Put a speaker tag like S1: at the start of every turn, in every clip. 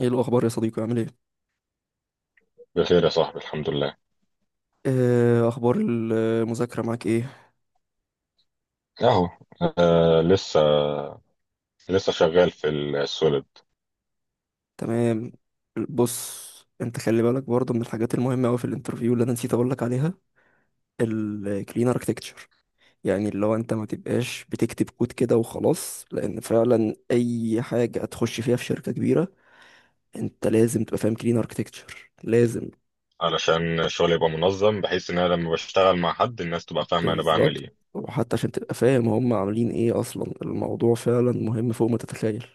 S1: ايه الاخبار يا صديقي، عامل ايه؟
S2: بخير يا صاحبي، الحمد لله.
S1: آه، اخبار المذاكره معاك ايه؟
S2: اهو. آه، لسه. لسه شغال في السوليد.
S1: تمام. بص، انت خلي بالك برضه من الحاجات المهمه قوي في الانترفيو اللي انا نسيت اقول لك عليها، الكلين اركتكتشر. يعني اللي هو انت ما تبقاش بتكتب كود كده وخلاص، لان فعلا اي حاجه هتخش فيها في شركه كبيره انت لازم تبقى فاهم كلين اركتكتشر، لازم.
S2: علشان الشغل يبقى منظم، بحيث ان انا لما بشتغل مع حد الناس تبقى فاهمة انا بعمل
S1: بالظبط.
S2: ايه.
S1: وحتى عشان تبقى فاهم هم عاملين ايه اصلا، الموضوع فعلا مهم فوق ما تتخيل.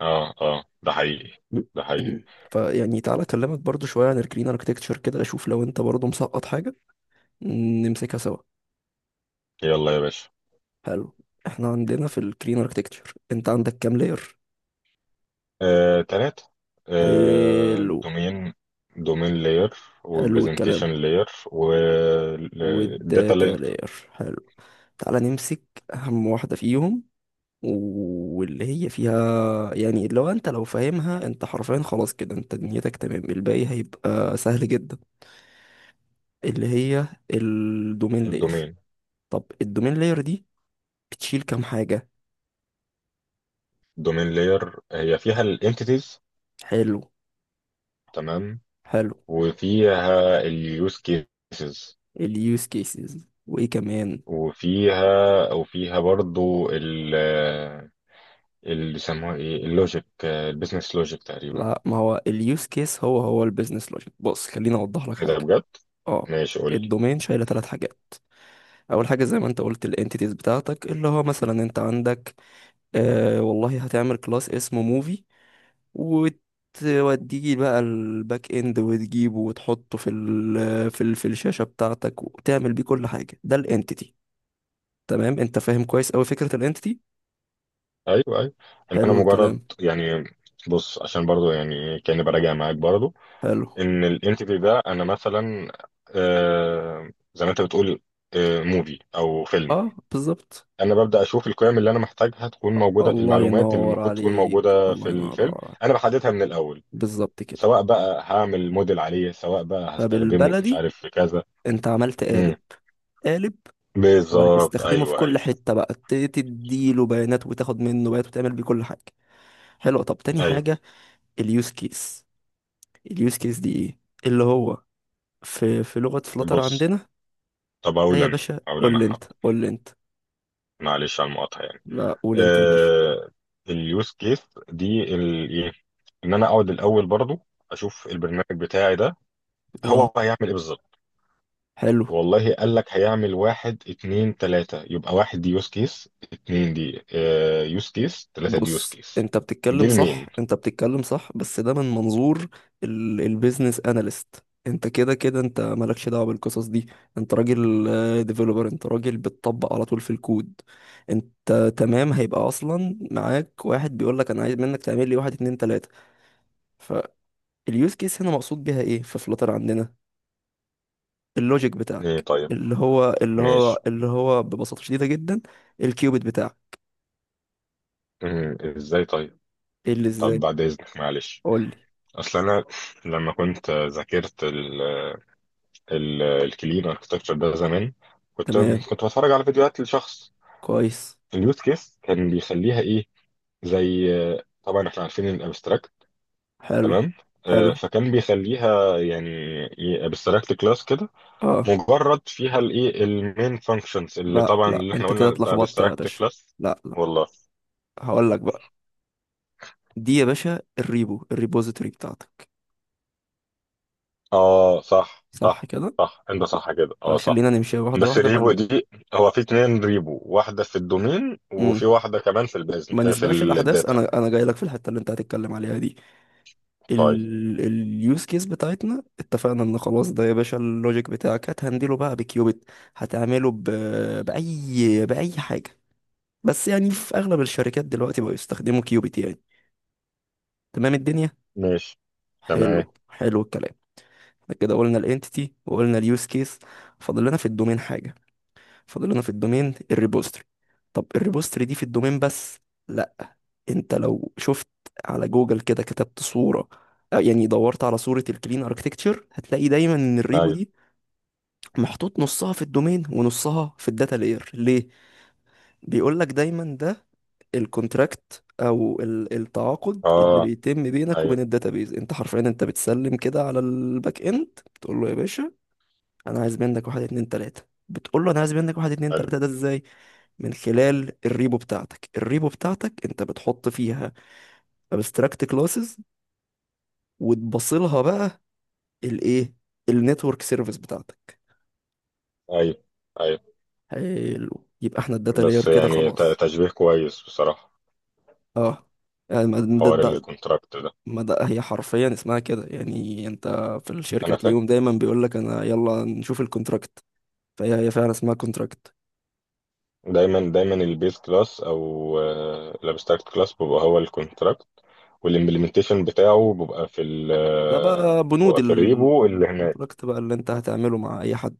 S2: اه، اه، ده حقيقي. ده حقيقي.
S1: فيعني تعالى اكلمك برضو شوية عن الجرين اركتكتشر كده، اشوف لو انت برضو مسقط حاجة نمسكها سوا.
S2: يلا يا باشا.
S1: حلو. احنا عندنا في الجرين اركتكتشر، انت عندك كام لاير؟
S2: آه، تلاتة. آه،
S1: حلو.
S2: دومين. دومين لاير،
S1: حلو الكلام.
S2: وبرزنتيشن لاير، وداتا
S1: والداتا
S2: لاير.
S1: لاير، حلو. تعالى نمسك اهم واحدة فيهم، واللي هي فيها يعني لو فاهمها انت حرفيا خلاص كده، انت دنيتك تمام، الباقي هيبقى سهل جدا. اللي هي الدومين لاير.
S2: الدومين.
S1: طب الدومين لاير دي بتشيل كام حاجة؟
S2: دومين لاير هي فيها الانتيتيز.
S1: حلو.
S2: تمام.
S1: حلو.
S2: وفيها اليوز كيسز.
S1: اليوز كيسز وايه كمان؟
S2: وفيها وفيها برضو اللي بيسموها ايه، اللوجيك، البيزنس لوجيك تقريبا.
S1: لا، ما هو اليوز كيس هو البيزنس لوجيك. بص خليني اوضح لك
S2: كده
S1: حاجة.
S2: بجد؟
S1: اه.
S2: ماشي، قول لي.
S1: الدومين شايلة ثلاث حاجات. اول حاجة زي ما انت قلت الانتيتيز بتاعتك، اللي هو مثلا انت عندك آه والله هتعمل كلاس اسمه موفي، وتوديه بقى الباك اند وتجيبه وتحطه في الشاشة بتاعتك وتعمل بيه كل حاجة. ده الانتيتي. تمام، انت فاهم كويس اوي فكرة الانتيتي.
S2: ايوه ايوه. ان انا
S1: حلو
S2: مجرد
S1: الكلام.
S2: يعني. بص، عشان برضو يعني إيه، كاني براجع معاك برضو
S1: حلو.
S2: ان الانتيتي ده انا مثلا، آه، زي ما انت بتقول، آه، موفي او فيلم.
S1: اه، بالظبط.
S2: انا ببدا اشوف القيم اللي انا محتاجها تكون موجوده،
S1: الله
S2: المعلومات اللي
S1: ينور
S2: المفروض تكون
S1: عليك،
S2: موجوده
S1: الله
S2: في الفيلم.
S1: ينور
S2: انا
S1: عليك.
S2: بحددها من الاول،
S1: بالظبط كده.
S2: سواء بقى هعمل موديل عليه، سواء بقى هستخدمه في مش
S1: فبالبلدي،
S2: عارف في كذا.
S1: انت عملت
S2: امم.
S1: قالب. قالب.
S2: بالظبط،
S1: وهتستخدمه في
S2: ايوه
S1: كل
S2: ايوه.
S1: حتة بقى تديله بيانات وتاخد منه بيانات وتعمل بيه كل حاجة. حلو، طب تاني
S2: ايوه.
S1: حاجة. اليوز كيس. اليوز كيس دي ايه؟ اللي هو في لغة فلاتر
S2: بص،
S1: عندنا.
S2: طب
S1: ده
S2: اقول
S1: يا
S2: انا،
S1: باشا
S2: اقول
S1: قول
S2: انا
S1: لي انت،
S2: حاضر.
S1: قول لي انت.
S2: معلش على المقاطعه يعني.
S1: لا، قول انت يا باشا.
S2: آه، اليوز كيس دي إيه؟ ان انا اقعد الاول برضو اشوف البرنامج بتاعي ده،
S1: اه.
S2: هو هيعمل ايه بالظبط.
S1: حلو.
S2: والله قال لك هيعمل واحد اتنين تلاتة، يبقى واحد دي يوز كيس، اتنين دي يوز كيس، تلاتة دي يوز
S1: بص،
S2: كيس.
S1: انت
S2: دي
S1: بتتكلم
S2: المين.
S1: صح، انت بتتكلم صح، بس ده من منظور البيزنس اناليست. انت كده كده انت مالكش دعوه بالقصص دي. انت راجل ديفلوبر، انت راجل بتطبق على طول في الكود. انت تمام، هيبقى اصلا معاك واحد بيقول لك انا عايز منك تعمل لي واحد اتنين تلاته. فاليوز كيس هنا مقصود بيها ايه في فلاتر عندنا؟ اللوجيك
S2: إيه؟
S1: بتاعك،
S2: طيب
S1: اللي هو اللي هو
S2: ماشي.
S1: اللي هو ببساطه شديده جدا الكيوبيت بتاعك.
S2: مم، ازاي طيب؟
S1: ايه اللي
S2: طب
S1: ازاي؟
S2: بعد إذنك، معلش.
S1: قول لي.
S2: أصل أنا لما كنت ذاكرت ال ال الكلين اركتكتشر ده زمان، كنت
S1: تمام.
S2: كنت بتفرج على فيديوهات لشخص.
S1: كويس.
S2: اليوز كيس كان بيخليها إيه، زي، طبعا إحنا عارفين الأبستراكت،
S1: حلو.
S2: تمام.
S1: حلو.
S2: آه، فكان بيخليها يعني ابستراكت كلاس كده،
S1: اه.
S2: مجرد فيها الايه المين فانكشنز، اللي
S1: لا
S2: طبعا
S1: لا،
S2: اللي احنا
S1: انت كده
S2: قلنا
S1: اتلخبطت يا
S2: ابستراكت
S1: باشا.
S2: كلاس.
S1: لا لا.
S2: والله.
S1: هقول لك بقى. دي يا باشا الريبو، الريبوزيتوري بتاعتك.
S2: اه، صح
S1: صح
S2: صح.
S1: كده.
S2: صح، انت صح كده، اه، صح.
S1: فخلينا نمشي واحده
S2: بس
S1: واحده، ما
S2: ريبو
S1: ن...
S2: دي، هو في اتنين ريبو، واحدة في الدومين، وفي
S1: مم.
S2: واحدة كمان في البيزن
S1: ما
S2: آه، في
S1: نسبقش الاحداث.
S2: الداتا.
S1: انا جاي لك في الحته اللي انت هتتكلم عليها دي.
S2: طيب.
S1: اليوز كيس بتاعتنا اتفقنا ان خلاص، ده يا باشا اللوجيك بتاعك هتهندله بقى بكيوبيت. هتعمله ب... باي باي حاجه. بس يعني في اغلب الشركات دلوقتي بقوا يستخدموا كيوبيت يعني. تمام الدنيا.
S2: ماشي. تمام.
S1: حلو. حلو الكلام. كده قلنا الانتيتي وقلنا اليوز كيس. فاضل لنا في الدومين حاجه. فاضل لنا في الدومين الريبوستري. طب الريبوستري دي في الدومين بس؟ لا. انت لو شفت على جوجل كده، كتبت صوره، يعني دورت على صوره الكلين اركتكتشر، هتلاقي دايما ان الريبو
S2: ايوه.
S1: دي محطوط نصها في الدومين ونصها في الداتا لاير، ليه؟ بيقول لك دايما ده الكونتراكت او التعاقد اللي
S2: اه،
S1: بيتم بينك
S2: ايوه.
S1: وبين الداتابيز. انت حرفيا انت بتسلم كده على الباك اند، تقول له يا باشا انا عايز منك واحد اتنين تلاتة. بتقول له انا عايز منك واحد اتنين
S2: حلو.
S1: تلاتة، ده ازاي؟ من خلال الريبو بتاعتك. الريبو بتاعتك انت بتحط فيها abstract classes وتبصلها بقى الايه النتورك سيرفيس بتاعتك.
S2: ايوه ايوه.
S1: حلو، يبقى احنا الداتا لاير
S2: بس
S1: كده
S2: يعني
S1: خلاص.
S2: تشبيه كويس بصراحة.
S1: اه. يعني
S2: حوار الكونتراكت ده.
S1: ما ده هي حرفيا اسمها كده، يعني انت في الشركه
S2: انا فاهم.
S1: تلاقيهم دايما بيقول لك انا يلا نشوف الكونتراكت. فهي فعلا اسمها كونتراكت.
S2: دايما دايما البيز كلاس او الابستراكت كلاس بيبقى هو الكونتراكت، والامبلمنتيشن بتاعه بيبقى في ال
S1: ده بقى
S2: آه،
S1: بنود
S2: بيبقى في الريبو اللي هناك.
S1: الكونتراكت بقى اللي انت هتعمله مع اي حد.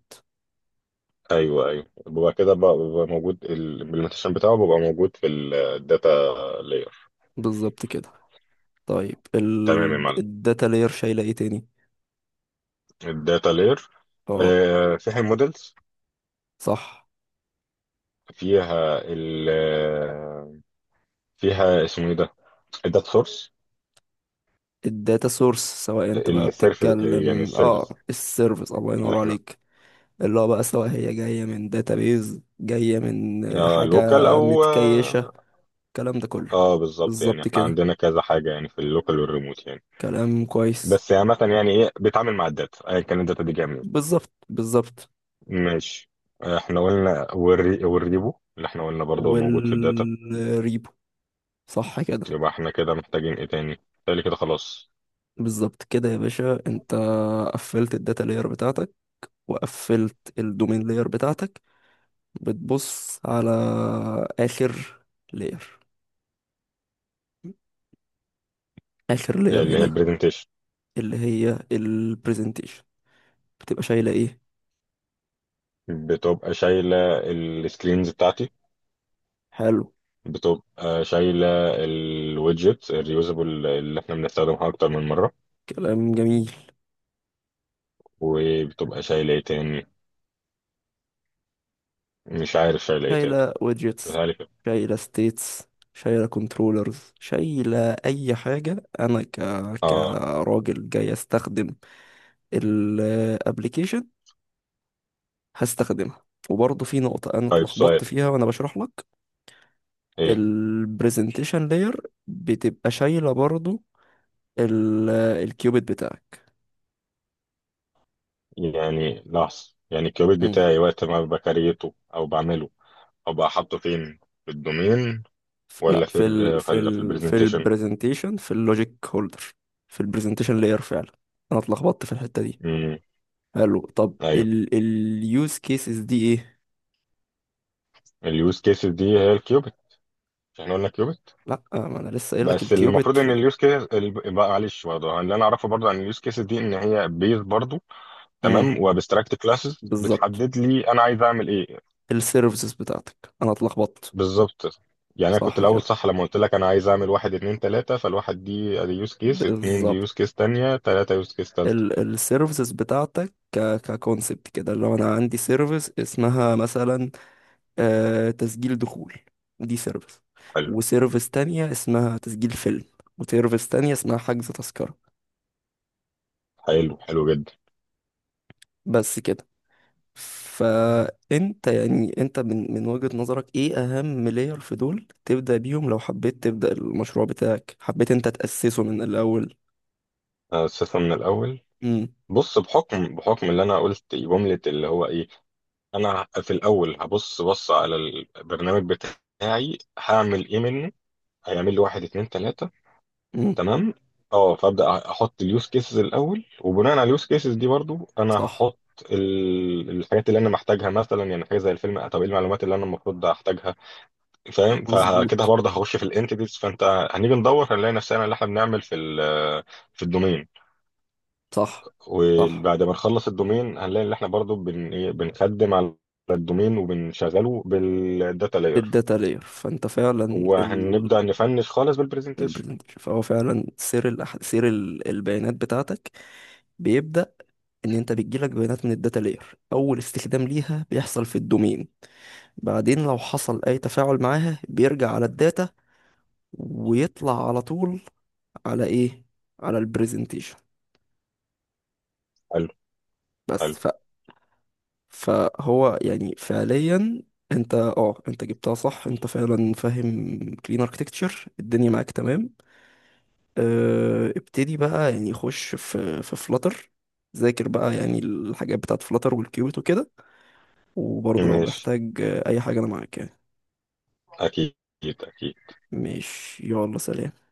S2: ايوه ايوه، ببقى كده ببقى موجود، الامبلمنتيشن بتاعه ببقى موجود في الداتا لاير.
S1: بالظبط كده. طيب
S2: تمام يا معلم.
S1: الداتا لاير شايله ايه تاني؟
S2: الداتا لاير
S1: اه،
S2: فيها المودلز،
S1: صح.
S2: فيها ال آه، فيها اسمه ايه ده، الداتا سورس.
S1: الداتا سورس. سواء انت بقى
S2: السيرفيس يعني
S1: بتتكلم
S2: السيرفيس
S1: السيرفيس، الله
S2: اللي
S1: ينور
S2: احنا،
S1: عليك. اللي هو بقى سواء هي جايه من داتابيز، جايه من
S2: آه،
S1: حاجه
S2: لوكال او
S1: متكيشه،
S2: اه
S1: الكلام ده كله.
S2: آه، بالظبط، يعني
S1: بالظبط
S2: احنا
S1: كده.
S2: عندنا كذا حاجه يعني، في اللوكال والريموت يعني.
S1: كلام كويس.
S2: بس عامه يعني ايه بيتعامل مع الداتا ايا كان الداتا دي جايه منين.
S1: بالظبط، بالظبط.
S2: ماشي. احنا قلنا والريبو اللي احنا قلنا برضه هو موجود في الداتا.
S1: والريبو، صح كده.
S2: يبقى احنا كده محتاجين ايه تاني؟ تالي كده خلاص.
S1: بالظبط كده يا باشا، انت قفلت الداتا لاير بتاعتك، وقفلت الدومين لاير بتاعتك. بتبص على آخر لاير. آخر لاير
S2: اللي هي
S1: هنا،
S2: البرزنتيشن.
S1: اللي هي البرزنتيشن، بتبقى شايلة ايه؟
S2: بتبقى شايلة السكرينز بتاعتي.
S1: حلو.
S2: بتبقى شايلة الويدجت الريوزابل اللي احنا بنستخدمها اكتر من مرة.
S1: كلام جميل.
S2: وبتبقى شايلة ايه تاني؟ مش عارف شايلة ايه تاني.
S1: شايلة ويدجتس،
S2: سهلة كده.
S1: شايلة ستيتس، شايلة كنترولرز، شايلة أي حاجة أنا
S2: اه.
S1: كراجل جاي أستخدم الابليكيشن هستخدمها. وبرضه في نقطة أنا
S2: طيب، سؤال.
S1: اتلخبطت فيها وأنا بشرح لك.
S2: ايه؟
S1: البرزنتيشن لاير بتبقى شايلة برضه ال- الكيوبيت بتاعك.
S2: يعني لحظة، يعني الكيوبيت
S1: مم.
S2: بتاعي وقت ما بكريته او بعمله ابقى حاطه فين؟ في الدومين ولا
S1: لا،
S2: في ال- ولا في
S1: في
S2: البرزنتيشن؟
S1: البرزنتيشن، في اللوجيك هولدر. في البرزنتيشن لاير فعلا. انا اتلخبطت في الحته دي.
S2: امم.
S1: حلو. طب
S2: ايوه.
S1: اليوز كيسز دي ايه؟
S2: اليوز كيسز دي هي الكيوبت. مش احنا قلنا كيوبت؟
S1: لا، ما انا لسه قايل لك
S2: بس
S1: الكيوبيت
S2: المفروض
S1: في
S2: ان
S1: ال-
S2: اليوز كيس بقى، معلش برضه، اللي انا اعرفه برضه عن اليوز كيسز دي ان هي بيز برضه،
S1: مم.
S2: تمام، وابستراكت كلاسز
S1: بالظبط.
S2: بتحدد لي انا عايز اعمل ايه.
S1: السيرفيسز بتاعتك انا اتلخبطت.
S2: بالظبط. يعني انا كنت
S1: صح
S2: الاول
S1: كده.
S2: صح لما قلت لك انا عايز اعمل واحد اتنين تلاته، فالواحد دي ادي يوز كيس، اتنين دي
S1: بالظبط.
S2: يوز كيس تانيه، تلاته يوز كيس تالته.
S1: السيرفيسز بتاعتك ككونسبت كده. لو انا عندي سيرفيس اسمها مثلا تسجيل دخول، ودي سيرفيس.
S2: حلو.
S1: وسيرفيس تانية اسمها تسجيل فيلم. وسيرفيس تانية اسمها حجز تذكرة.
S2: حلو. حلو جدا.
S1: بس كده. فانت يعني من وجهة نظرك ايه اهم لاير في دول تبدأ بيهم، لو حبيت تبدأ المشروع بتاعك، حبيت انت تأسسه من الاول؟
S2: اسسها من الاول.
S1: امم
S2: بص، بحكم اللي انا قلت جمله اللي هو ايه، انا في الاول بص على البرنامج بتاعي هعمل ايه منه، هيعمل لي واحد اتنين تلاتة،
S1: امم
S2: تمام. اه، فابدا احط اليوز كيسز الاول، وبناء على اليوز كيسز دي برضو انا
S1: صح،
S2: هحط الحاجات اللي انا محتاجها، مثلا يعني حاجه زي الفيلم، طب ايه المعلومات اللي انا المفروض احتاجها، فاهم؟ فكده
S1: مظبوط.
S2: برضه هخش في الانتيتيز، فانت هنيجي ندور، هنلاقي نفسنا اللي احنا بنعمل في الدومين.
S1: صح، صح.
S2: وبعد ما نخلص الدومين هنلاقي ان احنا برضو بن... إيه، بنخدم على الدومين، وبنشغله بالداتا لاير،
S1: بالداتا لاير، فانت فعلا ال
S2: وهنبدأ نفنش خالص بالبرزنتيشن.
S1: البرزنتيشن. فهو فعلا سير البيانات بتاعتك بيبدأ، ان انت بتجيلك بيانات من الداتا لاير، اول استخدام ليها بيحصل في الدومين. بعدين لو حصل اي تفاعل معاها بيرجع على الداتا ويطلع على طول على ايه؟ على البرزنتيشن.
S2: حلو. حلو.
S1: بس ف... فهو يعني فعليا انت جبتها صح. انت فعلا فاهم كلين اركتكتشر، الدنيا معاك تمام. اه، ابتدي بقى يعني، خش في فلاتر. ذاكر بقى يعني الحاجات بتاعت فلاتر والكيوت وكده. وبرضه لو
S2: ماشي.
S1: محتاج اي حاجة انا معاك يعني.
S2: اكيد. اكيد.
S1: ماشي، يلا سلام.